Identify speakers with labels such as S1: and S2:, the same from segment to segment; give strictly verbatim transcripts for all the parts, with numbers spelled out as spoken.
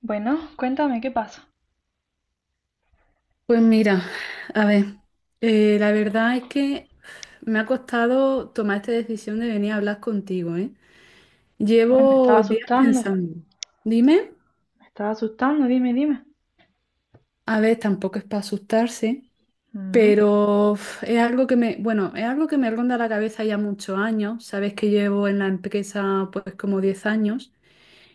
S1: Bueno, cuéntame qué pasa.
S2: Pues mira, a ver, eh, la verdad es que me ha costado tomar esta decisión de venir a hablar contigo, ¿eh?
S1: Uy, me estaba
S2: Llevo días
S1: asustando,
S2: pensando. Dime,
S1: me estaba asustando, dime, dime.
S2: a ver, tampoco es para asustarse,
S1: Mm,
S2: pero uf, es algo que me, bueno, es algo que me ronda la cabeza ya muchos años. Sabes que llevo en la empresa pues como diez años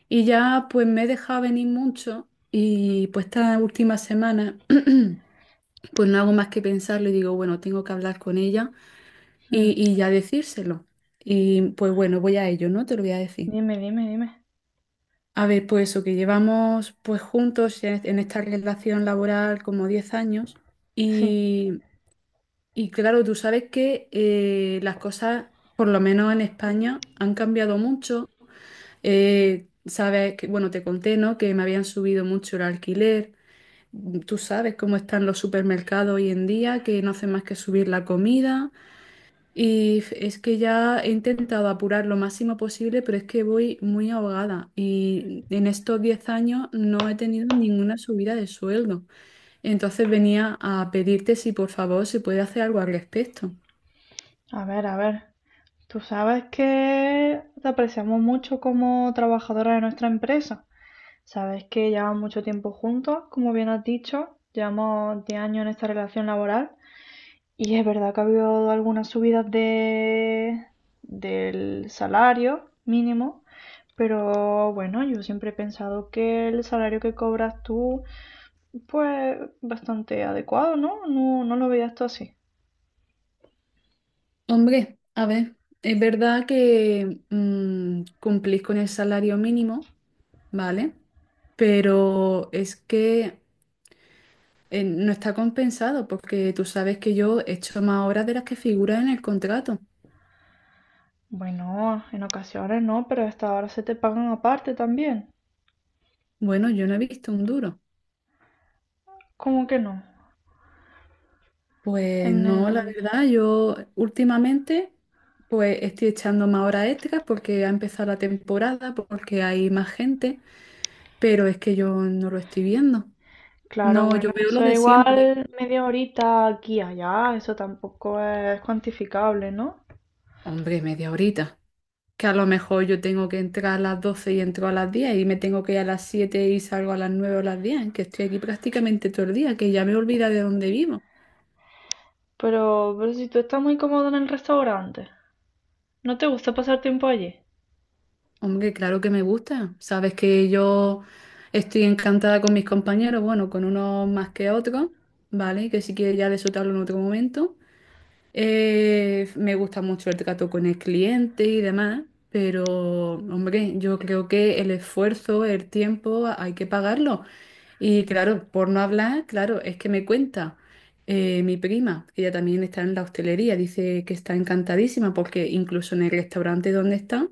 S2: y ya pues me he dejado venir mucho y pues estas últimas semanas pues no hago más que pensarlo y digo, bueno, tengo que hablar con ella
S1: mm.
S2: y, y ya decírselo. Y pues bueno, voy a ello, ¿no? Te lo voy a decir.
S1: Dime, dime, dime.
S2: A ver, pues eso, que llevamos pues juntos en, en esta relación laboral como diez años
S1: Sí,
S2: y, y claro, tú sabes que eh, las cosas, por lo menos en España, han cambiado mucho. Eh, sabes que, bueno, te conté, ¿no? Que me habían subido mucho el alquiler. Tú sabes cómo están los supermercados hoy en día, que no hacen más que subir la comida. Y f- es que ya he intentado apurar lo máximo posible, pero es que voy muy ahogada y en estos diez años no he tenido ninguna subida de sueldo. Entonces venía a pedirte si por favor se puede hacer algo al respecto.
S1: a ver, a ver. Tú sabes que te apreciamos mucho como trabajadora de nuestra empresa. Sabes que llevamos mucho tiempo juntos, como bien has dicho, llevamos diez años en esta relación laboral. Y es verdad que ha habido algunas subidas de, del salario mínimo, pero bueno, yo siempre he pensado que el salario que cobras tú, pues bastante adecuado, ¿no? No, no lo veías tú así.
S2: Hombre, a ver, es verdad que mm, cumplís con el salario mínimo, ¿vale? Pero es que eh, no está compensado porque tú sabes que yo he hecho más horas de las que figuran en el contrato.
S1: Bueno, en ocasiones no, pero hasta ahora se te pagan aparte también.
S2: Bueno, yo no he visto un duro.
S1: ¿Cómo que no?
S2: Pues
S1: En
S2: no, la
S1: el...
S2: verdad, yo últimamente pues estoy echando más horas extras porque ha empezado la temporada, porque hay más gente, pero es que yo no lo estoy viendo.
S1: Claro,
S2: No, yo
S1: bueno,
S2: veo lo
S1: eso es
S2: de siempre.
S1: igual media horita aquí y allá, eso tampoco es cuantificable, ¿no?
S2: Hombre, media horita. Que a lo mejor yo tengo que entrar a las doce y entro a las diez y me tengo que ir a las siete y salgo a las nueve o las diez, que estoy aquí prácticamente todo el día, que ya me he olvidado de dónde vivo.
S1: Pero, pero si tú estás muy cómodo en el restaurante, ¿no te gusta pasar tiempo allí?
S2: Hombre, claro que me gusta. Sabes que yo estoy encantada con mis compañeros, bueno, con unos más que otros, ¿vale? Que si quieres ya de eso te hablo en otro momento. Eh, me gusta mucho el trato con el cliente y demás, pero, hombre, yo creo que el esfuerzo, el tiempo, hay que pagarlo. Y claro, por no hablar, claro, es que me cuenta eh, mi prima, que ella también está en la hostelería, dice que está encantadísima porque incluso en el restaurante donde está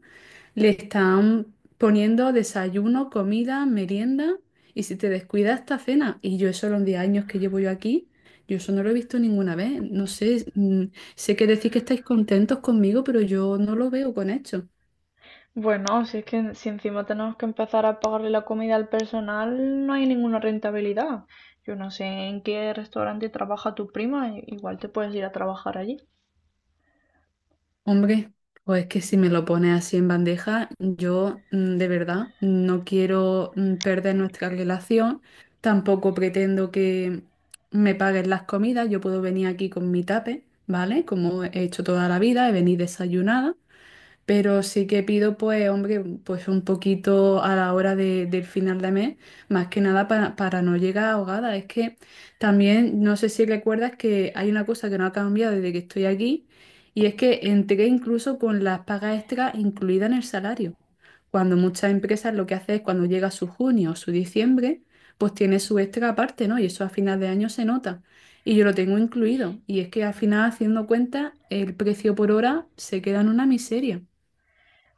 S2: le están poniendo desayuno, comida, merienda y si te descuidas esta cena. Y yo eso los diez años que llevo yo aquí, yo eso no lo he visto ninguna vez. No sé, mm, sé que decís que estáis contentos conmigo, pero yo no lo veo con hecho.
S1: Bueno, si es que si encima tenemos que empezar a pagarle la comida al personal, no hay ninguna rentabilidad. Yo no sé en qué restaurante trabaja tu prima, i- igual te puedes ir a trabajar allí.
S2: Hombre, pues que si me lo pones así en bandeja, yo mm, de verdad no quiero mm, perder nuestra relación, tampoco pretendo que me paguen las comidas, yo puedo venir aquí con mi tape, ¿vale? Como he hecho toda la vida, he venido desayunada pero sí que pido, pues, hombre, pues un poquito a la hora de- del final de mes, más que nada para, para no llegar ahogada. Es que también, no sé si recuerdas que hay una cosa que no ha cambiado desde que estoy aquí, y es que entré incluso con las pagas extras incluidas en el salario. Cuando muchas empresas lo que hacen es cuando llega su junio o su diciembre, pues tiene su extra aparte, ¿no? Y eso a final de año se nota. Y yo lo tengo incluido. Y es que al final, haciendo cuenta, el precio por hora se queda en una miseria.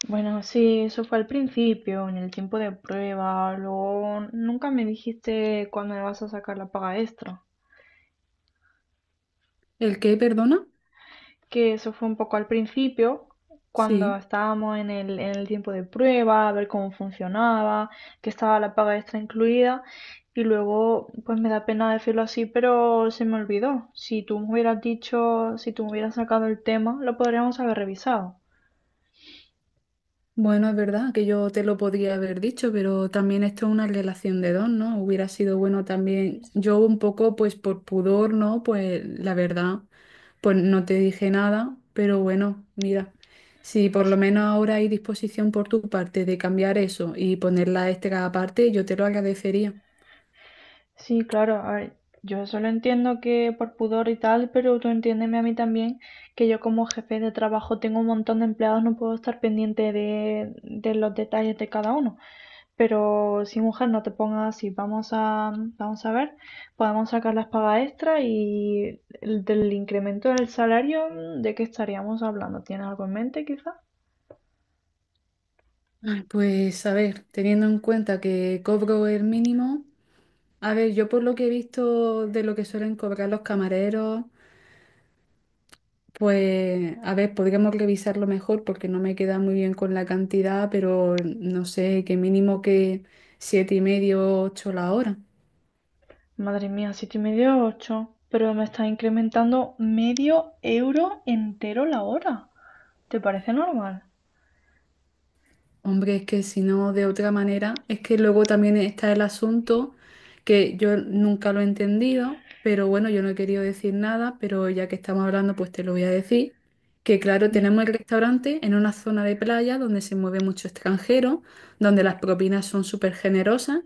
S1: Bueno, sí, eso fue al principio, en el tiempo de prueba, luego nunca me dijiste cuándo me vas a sacar la paga extra.
S2: ¿El qué, perdona?
S1: Que eso fue un poco al principio, cuando
S2: Sí.
S1: estábamos en el, en el tiempo de prueba, a ver cómo funcionaba, que estaba la paga extra incluida. Y luego, pues me da pena decirlo así, pero se me olvidó. Si tú me hubieras dicho, si tú me hubieras sacado el tema, lo podríamos haber revisado.
S2: Bueno, es verdad que yo te lo podría haber dicho, pero también esto es una relación de dos, ¿no? Hubiera sido bueno también. Yo un poco, pues por pudor, ¿no? Pues la verdad, pues no te dije nada, pero bueno, mira, si por lo menos ahora hay disposición por tu parte de cambiar eso y ponerla este cada parte, yo te lo agradecería.
S1: Sí, claro, a ver, yo solo entiendo que por pudor y tal, pero tú entiéndeme a mí también, que yo como jefe de trabajo tengo un montón de empleados, no puedo estar pendiente de, de los detalles de cada uno. Pero sí, mujer, no te pongas así, vamos a, vamos a ver, podemos sacar las pagas extra y el, del incremento del salario, mm, ¿de qué estaríamos hablando? ¿Tienes algo en mente quizá?
S2: Ay, Pues a ver, teniendo en cuenta que cobro el mínimo, a ver, yo por lo que he visto de lo que suelen cobrar los camareros. Pues, a ver, podríamos revisarlo mejor porque no me queda muy bien con la cantidad, pero no sé, que mínimo que siete y medio, ocho la hora.
S1: Madre mía, siete y medio, ocho, pero me está incrementando medio euro entero la hora. ¿Te parece normal?
S2: Hombre, es que si no, de otra manera, es que luego también está el asunto que yo nunca lo he entendido, pero bueno, yo no he querido decir nada, pero ya que estamos hablando, pues te lo voy a decir, que claro,
S1: Dije.
S2: tenemos el restaurante en una zona de playa donde se mueve mucho extranjero, donde las propinas son súper generosas.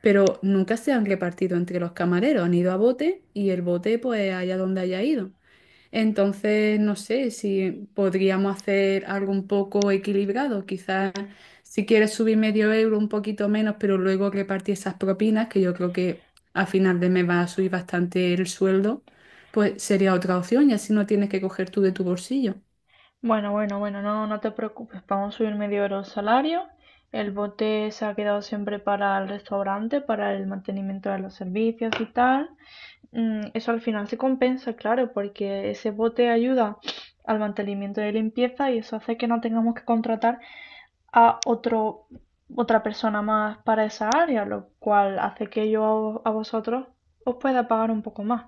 S2: pero nunca se han repartido entre los camareros, han ido a bote y el bote pues allá donde haya ido. Entonces, no sé si podríamos hacer algo un poco equilibrado, quizás si quieres subir medio euro, un poquito menos, pero luego repartir esas propinas, que yo creo que a final de mes va a subir bastante el sueldo, pues sería otra opción y así no tienes que coger tú de tu bolsillo.
S1: Bueno, bueno, bueno, no, no te preocupes, vamos a subir medio euro el salario. El bote se ha quedado siempre para el restaurante, para el mantenimiento de los servicios y tal. Mm. Eso al final se compensa, claro, porque ese bote ayuda al mantenimiento de limpieza y eso hace que no tengamos que contratar a otro, otra persona más para esa área, lo cual hace que yo a vosotros os pueda pagar un poco más.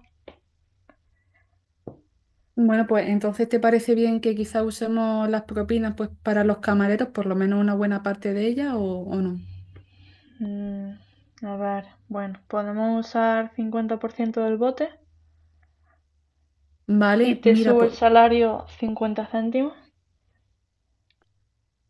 S2: Bueno, pues entonces, ¿te parece bien que quizá usemos las propinas pues para los camareros, por lo menos una buena parte de ellas o, o no?
S1: Mm, a ver, bueno, podemos usar cincuenta por ciento del bote y
S2: Vale,
S1: te
S2: mira,
S1: subo el
S2: pues,
S1: salario cincuenta céntimos.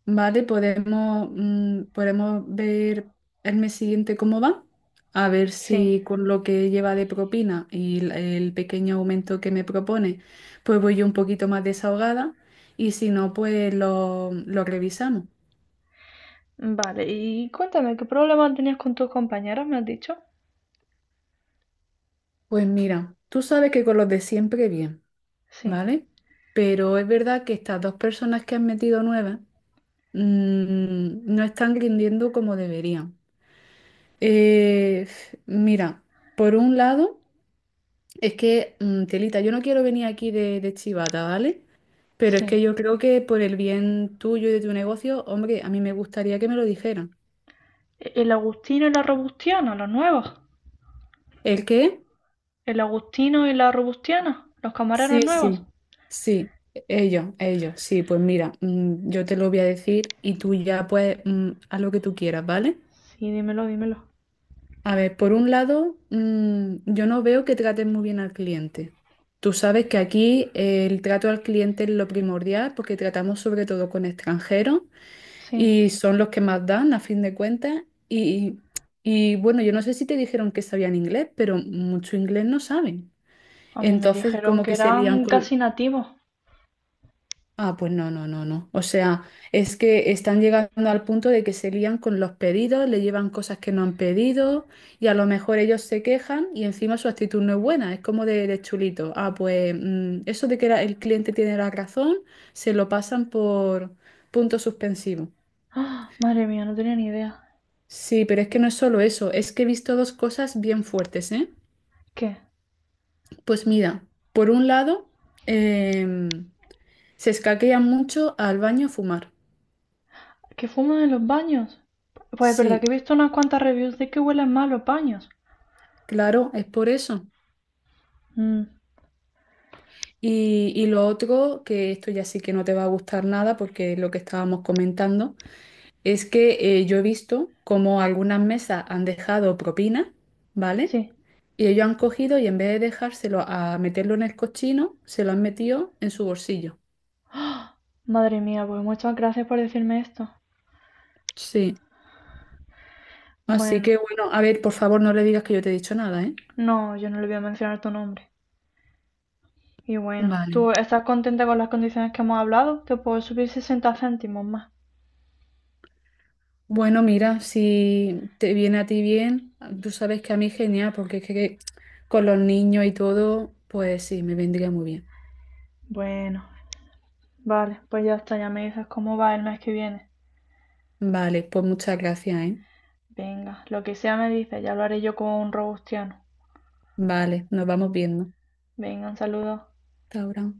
S2: vale, podemos, mm, podemos ver el mes siguiente cómo va, a ver
S1: Sí,
S2: si con lo que lleva de propina y el, el pequeño aumento que me propone, pues voy yo un poquito más desahogada y si no, pues lo, lo revisamos.
S1: vale. Y cuéntame, ¿qué problema tenías con tus compañeras, me has dicho?
S2: Pues mira, tú sabes que con los de siempre bien,
S1: Sí,
S2: ¿vale? Pero es verdad que estas dos personas que han metido nuevas, mm, no están rindiendo como deberían. Eh, mira, por un lado, es que, mm, Telita, yo no quiero venir aquí de, de chivata, ¿vale? Pero es que
S1: sí.
S2: yo creo que por el bien tuyo y de tu negocio, hombre, a mí me gustaría que me lo dijeran.
S1: ¿E- ¿El Agustino y la Robustiana, los nuevos?
S2: ¿El qué?
S1: ¿El Agustino y la Robustiana, los camareros
S2: Sí,
S1: nuevos?
S2: sí, sí, ellos, ellos, sí, pues mira, mm, yo te lo voy a decir y tú ya pues mm, haz lo que tú quieras, ¿vale?
S1: Sí, dímelo, dímelo.
S2: A ver, por un lado, mm, yo no veo que traten muy bien al cliente. Tú sabes que aquí eh, el trato al cliente es lo primordial porque tratamos sobre todo con extranjeros
S1: Sí,
S2: y son los que más dan a fin de cuentas. Y, y bueno, yo no sé si te dijeron que sabían inglés, pero mucho inglés no saben.
S1: a mí me
S2: Entonces,
S1: dijeron
S2: como
S1: que
S2: que se lían
S1: eran
S2: con...
S1: casi nativos.
S2: Ah, pues no, no, no, no. O sea, es que están llegando al punto de que se lían con los pedidos, le llevan cosas que no han pedido y a lo mejor ellos se quejan y encima su actitud no es buena, es como de, de chulito. Ah, pues mm, eso de que la- el cliente tiene la razón, se lo pasan por punto suspensivo.
S1: ¡Ah! Madre mía, no tenía ni idea.
S2: Sí, pero es que no es solo eso, es que he visto dos cosas bien fuertes, ¿eh?
S1: ¿Qué?
S2: Pues mira, por un lado, em, se escaquean mucho al baño a fumar.
S1: ¿Que fuman en los baños? Pues es verdad
S2: Sí,
S1: que he visto unas cuantas reviews de que huelen mal los baños.
S2: claro, es por eso.
S1: Mm,
S2: Y, y lo otro, que esto ya sí que no te va a gustar nada porque es lo que estábamos comentando, es que eh, yo he visto como algunas mesas han dejado propina, ¿vale?
S1: sí.
S2: Y ellos han cogido y en vez de dejárselo a meterlo en el cochino, se lo han metido en su bolsillo.
S1: Madre mía, pues muchas gracias por decirme esto.
S2: Sí. Así
S1: Bueno,
S2: que bueno, a ver, por favor no le digas que yo te he dicho nada, ¿eh?
S1: no, yo no le voy a mencionar tu nombre. Y bueno,
S2: Vale.
S1: ¿tú estás contenta con las condiciones que hemos hablado? Te puedo subir sesenta céntimos más.
S2: Bueno, mira, si te viene a ti bien, tú sabes que a mí genial, porque es que que con los niños y todo, pues sí, me vendría muy bien.
S1: Bueno, vale, pues ya está, ya me dices cómo va el mes que viene.
S2: Vale, pues muchas gracias, ¿eh?
S1: Venga, lo que sea me dices, ya lo haré yo como un robustiano.
S2: Vale, nos vamos viendo.
S1: Venga, un saludo.
S2: Hasta ahora.